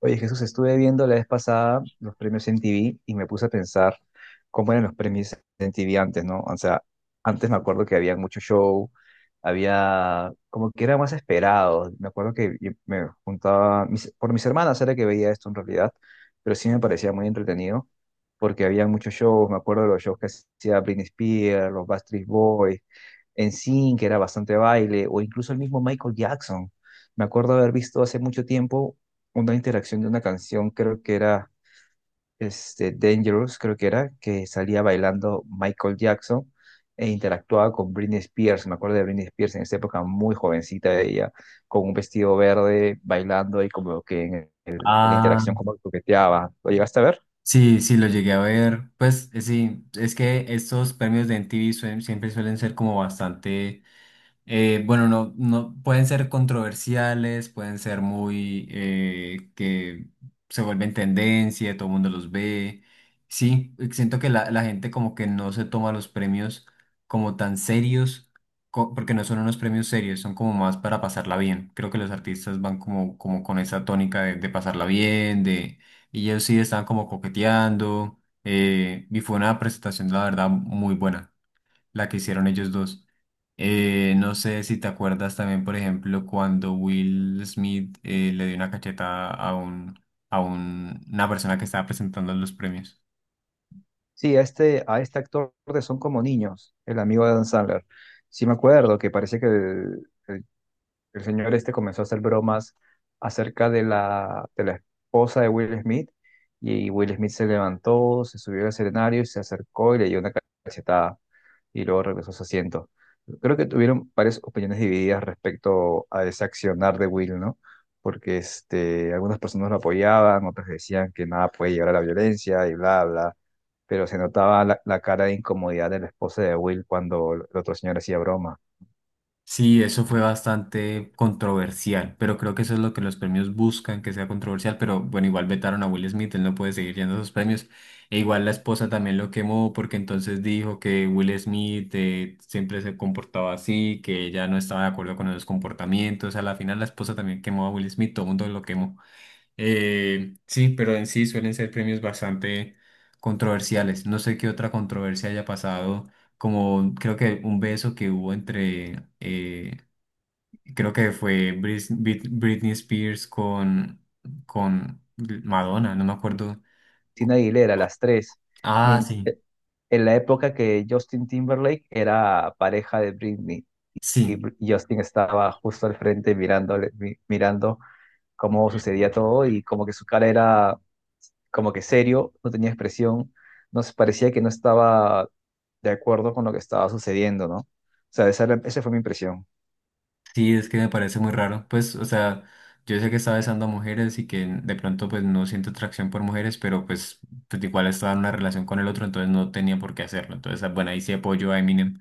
Oye, Jesús, estuve viendo la vez pasada los premios MTV y me puse a pensar cómo eran los premios MTV antes, ¿no? O sea, antes me acuerdo que había mucho show, había como que era más esperado. Me acuerdo que yo me juntaba, por mis hermanas era que veía esto en realidad, pero sí me parecía muy entretenido porque había muchos shows. Me acuerdo de los shows que hacía Britney Spears, los Backstreet Boys, NSYNC, que era bastante baile, o incluso el mismo Michael Jackson. Me acuerdo haber visto hace mucho tiempo una interacción de una canción, creo que era Dangerous, creo que era, que salía bailando Michael Jackson e interactuaba con Britney Spears. Me acuerdo de Britney Spears en esa época, muy jovencita ella, con un vestido verde, bailando y como que en la Ah, interacción como que coqueteaba. ¿Lo llegaste a ver? sí, sí, lo llegué a ver. Pues sí, es que estos premios de MTV siempre suelen ser como bastante... bueno, no pueden ser controversiales, pueden ser muy que se vuelven tendencia, todo el mundo los ve. Sí, siento que la gente como que no se toma los premios como tan serios, porque no son unos premios serios, son como más para pasarla bien. Creo que los artistas van como, como con esa tónica de pasarla bien, de, y ellos sí están como coqueteando, y fue una presentación, la verdad, muy buena la que hicieron ellos dos. No sé si te acuerdas también, por ejemplo, cuando Will Smith le dio una cacheta a un, una persona que estaba presentando los premios. Sí, a este actor de Son como niños, el amigo de Dan Sandler. Sí me acuerdo que parece que el señor este comenzó a hacer bromas acerca de la esposa de Will Smith y Will Smith se levantó, se subió al escenario y se acercó y le dio una cachetada y luego regresó a su asiento. Creo que tuvieron varias opiniones divididas respecto a ese accionar de Will, ¿no? Porque algunas personas lo apoyaban, otras decían que nada puede llegar a la violencia y bla, bla. Pero se notaba la cara de incomodidad de la esposa de Will cuando el otro señor hacía broma. Sí, eso fue bastante controversial, pero creo que eso es lo que los premios buscan, que sea controversial, pero bueno, igual vetaron a Will Smith, él no puede seguir yendo a esos premios, e igual la esposa también lo quemó porque entonces dijo que Will Smith siempre se comportaba así, que ella no estaba de acuerdo con esos comportamientos, a la final la esposa también quemó a Will Smith, todo el mundo lo quemó. Sí, pero en sí suelen ser premios bastante controversiales. No sé qué otra controversia haya pasado, como creo que un beso que hubo entre, creo que fue Britney Spears con Madonna, no me acuerdo. Cristina Aguilera, las tres. Ah, Mien- sí, eh, En la época que Justin Timberlake era pareja de Britney y sí. Justin estaba justo al frente mirándole, mirando cómo sucedía todo y como que su cara era como que serio, no tenía expresión, no se parecía que no estaba de acuerdo con lo que estaba sucediendo, ¿no? O sea, esa fue mi impresión. Sí, es que me parece muy raro. Pues, o sea, yo sé que está besando a mujeres y que de pronto pues no siento atracción por mujeres, pero pues, pues igual estaba en una relación con el otro, entonces no tenía por qué hacerlo. Entonces, ah, bueno, ahí sí apoyo a Eminem.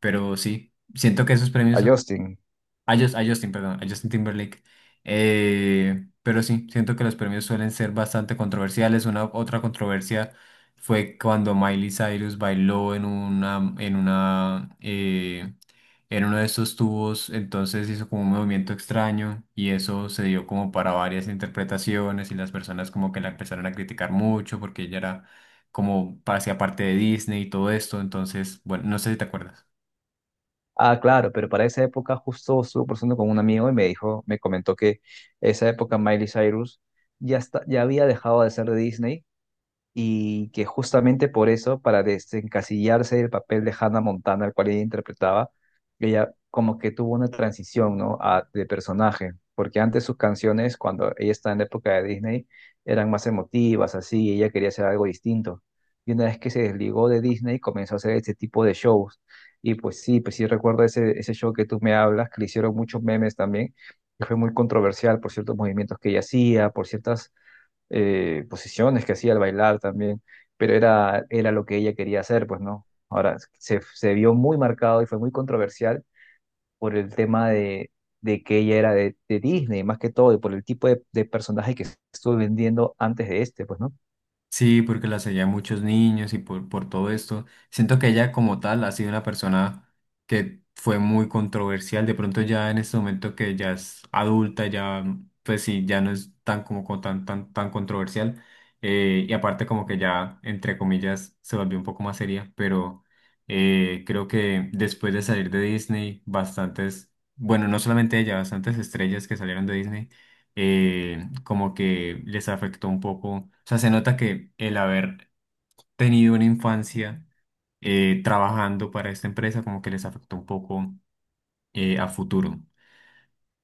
Pero sí, siento que esos A premios Justin. A Justin, perdón, a Justin Timberlake. Pero sí, siento que los premios suelen ser bastante controversiales. Una otra controversia fue cuando Miley Cyrus bailó en una, en una, en uno de esos tubos, entonces hizo como un movimiento extraño y eso se dio como para varias interpretaciones y las personas como que la empezaron a criticar mucho porque ella era como hacía parte de Disney y todo esto. Entonces, bueno, no sé si te acuerdas. Ah, claro, pero para esa época justo estuve conversando con un amigo y me dijo, me comentó que esa época Miley Cyrus ya había dejado de ser de Disney y que justamente por eso, para desencasillarse del papel de Hannah Montana, al cual ella interpretaba, ella como que tuvo una transición, ¿no? De personaje, porque antes sus canciones, cuando ella estaba en la época de Disney, eran más emotivas, así, y ella quería hacer algo distinto. Y una vez que se desligó de Disney, comenzó a hacer este tipo de shows. Y pues sí recuerdo ese show que tú me hablas, que le hicieron muchos memes también, que fue muy controversial por ciertos movimientos que ella hacía, por ciertas posiciones que hacía al bailar también, pero era lo que ella quería hacer, pues no. Ahora, se vio muy marcado y fue muy controversial por el tema de que ella era de Disney, más que todo, y por el tipo de personaje que estuvo vendiendo antes de este, pues no. Sí, porque la seguía muchos niños y por todo esto. Siento que ella como tal ha sido una persona que fue muy controversial. De pronto ya en este momento que ya es adulta, ya pues sí, ya no es tan como tan, tan, tan controversial. Y aparte como que ya, entre comillas, se volvió un poco más seria. Pero creo que después de salir de Disney, bastantes, bueno, no solamente ella, bastantes estrellas que salieron de Disney como que les afectó un poco. O sea, se nota que el haber tenido una infancia trabajando para esta empresa como que les afectó un poco a futuro.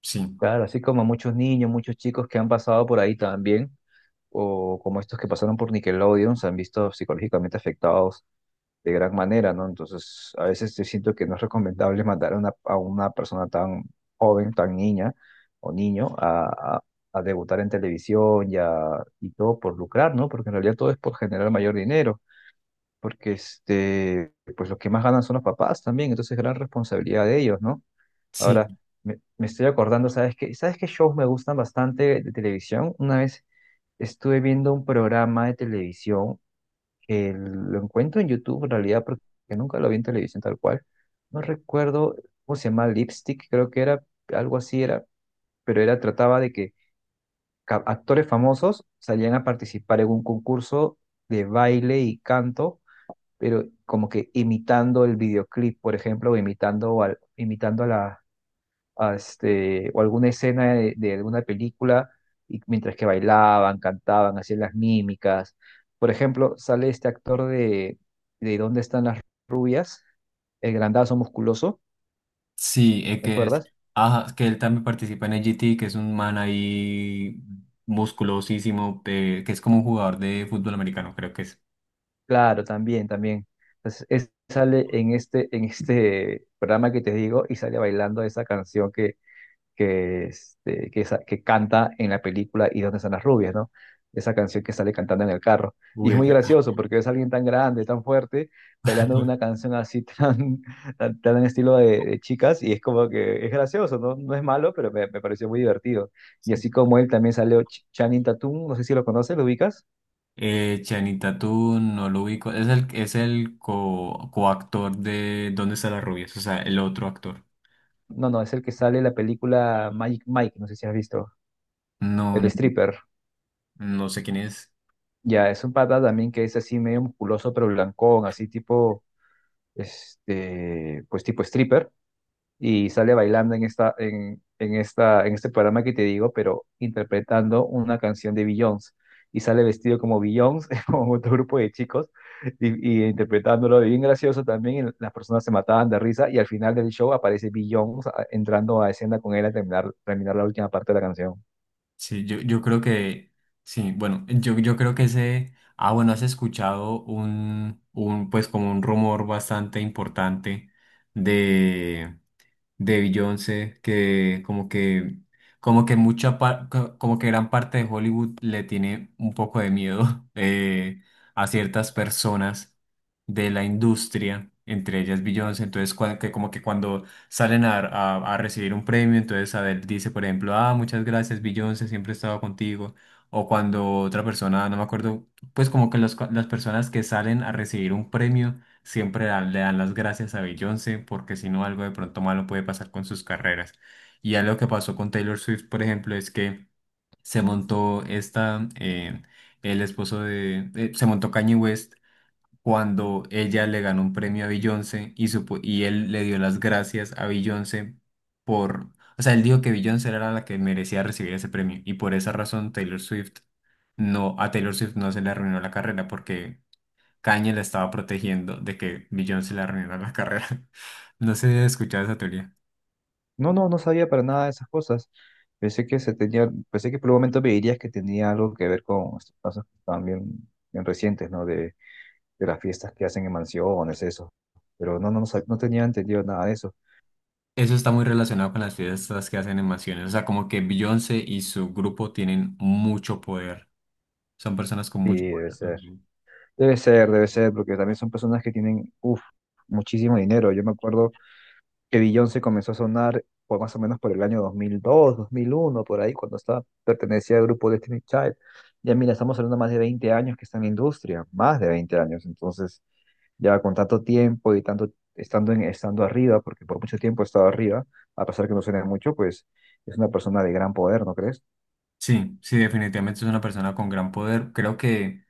Sí, Claro, así como muchos niños, muchos chicos que han pasado por ahí también, o como estos que pasaron por Nickelodeon, se han visto psicológicamente afectados de gran manera, ¿no? Entonces, a veces yo siento que no es recomendable mandar a una persona tan joven, tan niña o niño a debutar en televisión y todo por lucrar, ¿no? Porque en realidad todo es por generar mayor dinero, porque pues los que más ganan son los papás también, entonces gran responsabilidad de ellos, ¿no? sí, Ahora, me estoy acordando, ¿sabes qué? ¿Sabes qué shows me gustan bastante de televisión? Una vez estuve viendo un programa de televisión que lo encuentro en YouTube en realidad porque nunca lo vi en televisión tal cual. No recuerdo cómo se llama, Lipstick, creo que era algo así era, pero era trataba de que actores famosos salían a participar en un concurso de baile y canto, pero como que imitando el videoclip, por ejemplo, o imitando a la o alguna escena de alguna película, y mientras que bailaban, cantaban, hacían las mímicas. Por ejemplo, sale este actor de ¿Dónde están las rubias? El grandazo musculoso, sí, ¿te que es, acuerdas? ajá, que él también participa en el GT, que es un man ahí musculosísimo, que es como un jugador de fútbol americano, creo que es. Claro, también, también. Entonces, sale en este programa que te digo y sale bailando esa canción que, este, que, sa- que canta en la película ¿Y dónde están las rubias, ¿no? Esa canción que sale cantando en el carro. Y Uy, es muy esa- gracioso porque es alguien tan grande, tan fuerte, bailando una canción así tan en estilo de chicas y es como que es gracioso, ¿no? No es malo, pero me pareció muy divertido. Y así como él también salió Channing Tatum, no sé si lo conoces, ¿lo ubicas? Chanita, tú no lo ubico. Es el coactor de ¿Dónde está la rubia? O sea, el otro actor. No, no, es el que sale en la película Magic Mike, no sé si has visto, No, el no, stripper. no sé quién es. Ya, es un pata también que es así medio musculoso, pero blancón, así tipo pues tipo stripper, y sale bailando en este programa que te digo, pero interpretando una canción de Beyoncé. Y sale vestido como Beyoncé, como otro grupo de chicos, y interpretándolo y bien gracioso también. Y las personas se mataban de risa, y al final del show aparece Beyoncé entrando a escena con él a terminar la última parte de la canción. Sí, yo creo que. Sí, bueno, yo creo que ese. Ah, bueno, has escuchado un, pues como un rumor bastante importante de Beyoncé, que como que, como que como que gran parte de Hollywood le tiene un poco de miedo a ciertas personas de la industria, entre ellas Beyoncé, entonces que como que cuando salen a, a recibir un premio, entonces Adele dice, por ejemplo, ah, muchas gracias Beyoncé, siempre he estado contigo, o cuando otra persona, no me acuerdo, pues como que las personas que salen a recibir un premio, siempre le dan las gracias a Beyoncé porque si no algo de pronto malo puede pasar con sus carreras. Y ya lo que pasó con Taylor Swift, por ejemplo, es que se montó esta, el esposo de, se montó Kanye West cuando ella le ganó un premio a Beyoncé y, y él le dio las gracias a Beyoncé por, o sea, él dijo que Beyoncé era la que merecía recibir ese premio y por esa razón Taylor Swift no, a Taylor Swift no se le arruinó la carrera porque Kanye la estaba protegiendo de que Beyoncé se le arruinara la carrera. No sé si has escuchado esa teoría. No, no, no sabía para nada de esas cosas. Pensé que por un momento me dirías que tenía algo que ver con estos casos también bien recientes, ¿no? De las fiestas que hacen en mansiones, eso. Pero no, no, no, no tenía entendido nada de eso. Eso está muy relacionado con las fiestas que hacen en mansiones. O sea, como que Beyoncé y su grupo tienen mucho poder. Son personas con Sí, mucho debe poder. ser. Ujú. Debe ser, debe ser, porque también son personas que tienen, uff, muchísimo dinero. Yo me acuerdo que Beyoncé comenzó a sonar por más o menos por el año dos mil dos dos mil mil uno por ahí, cuando pertenecía al grupo Destiny Child. Ya mira, estamos hablando más de 20 años que está en la industria, más de 20 años. Entonces, ya con tanto tiempo y tanto estando arriba, porque por mucho tiempo he estado arriba, a pesar que no suene mucho, pues es una persona de gran poder, ¿no crees? Sí, sí, definitivamente es una persona con gran poder. Creo que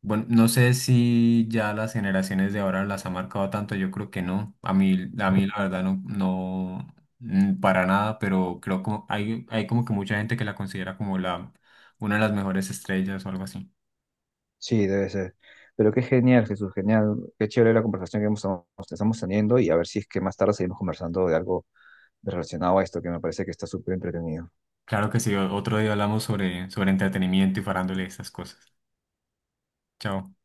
bueno, no sé si ya las generaciones de ahora las ha marcado tanto, yo creo que no. A mí la verdad no, no para nada, pero creo que hay como que mucha gente que la considera como la, una de las mejores estrellas o algo así. Sí, debe ser. Pero qué genial, Jesús, genial. Qué chévere la conversación que que estamos teniendo y a ver si es que más tarde seguimos conversando de algo relacionado a esto, que me parece que está súper entretenido. Claro que sí, otro día hablamos sobre, sobre entretenimiento y farándole estas cosas. Chao.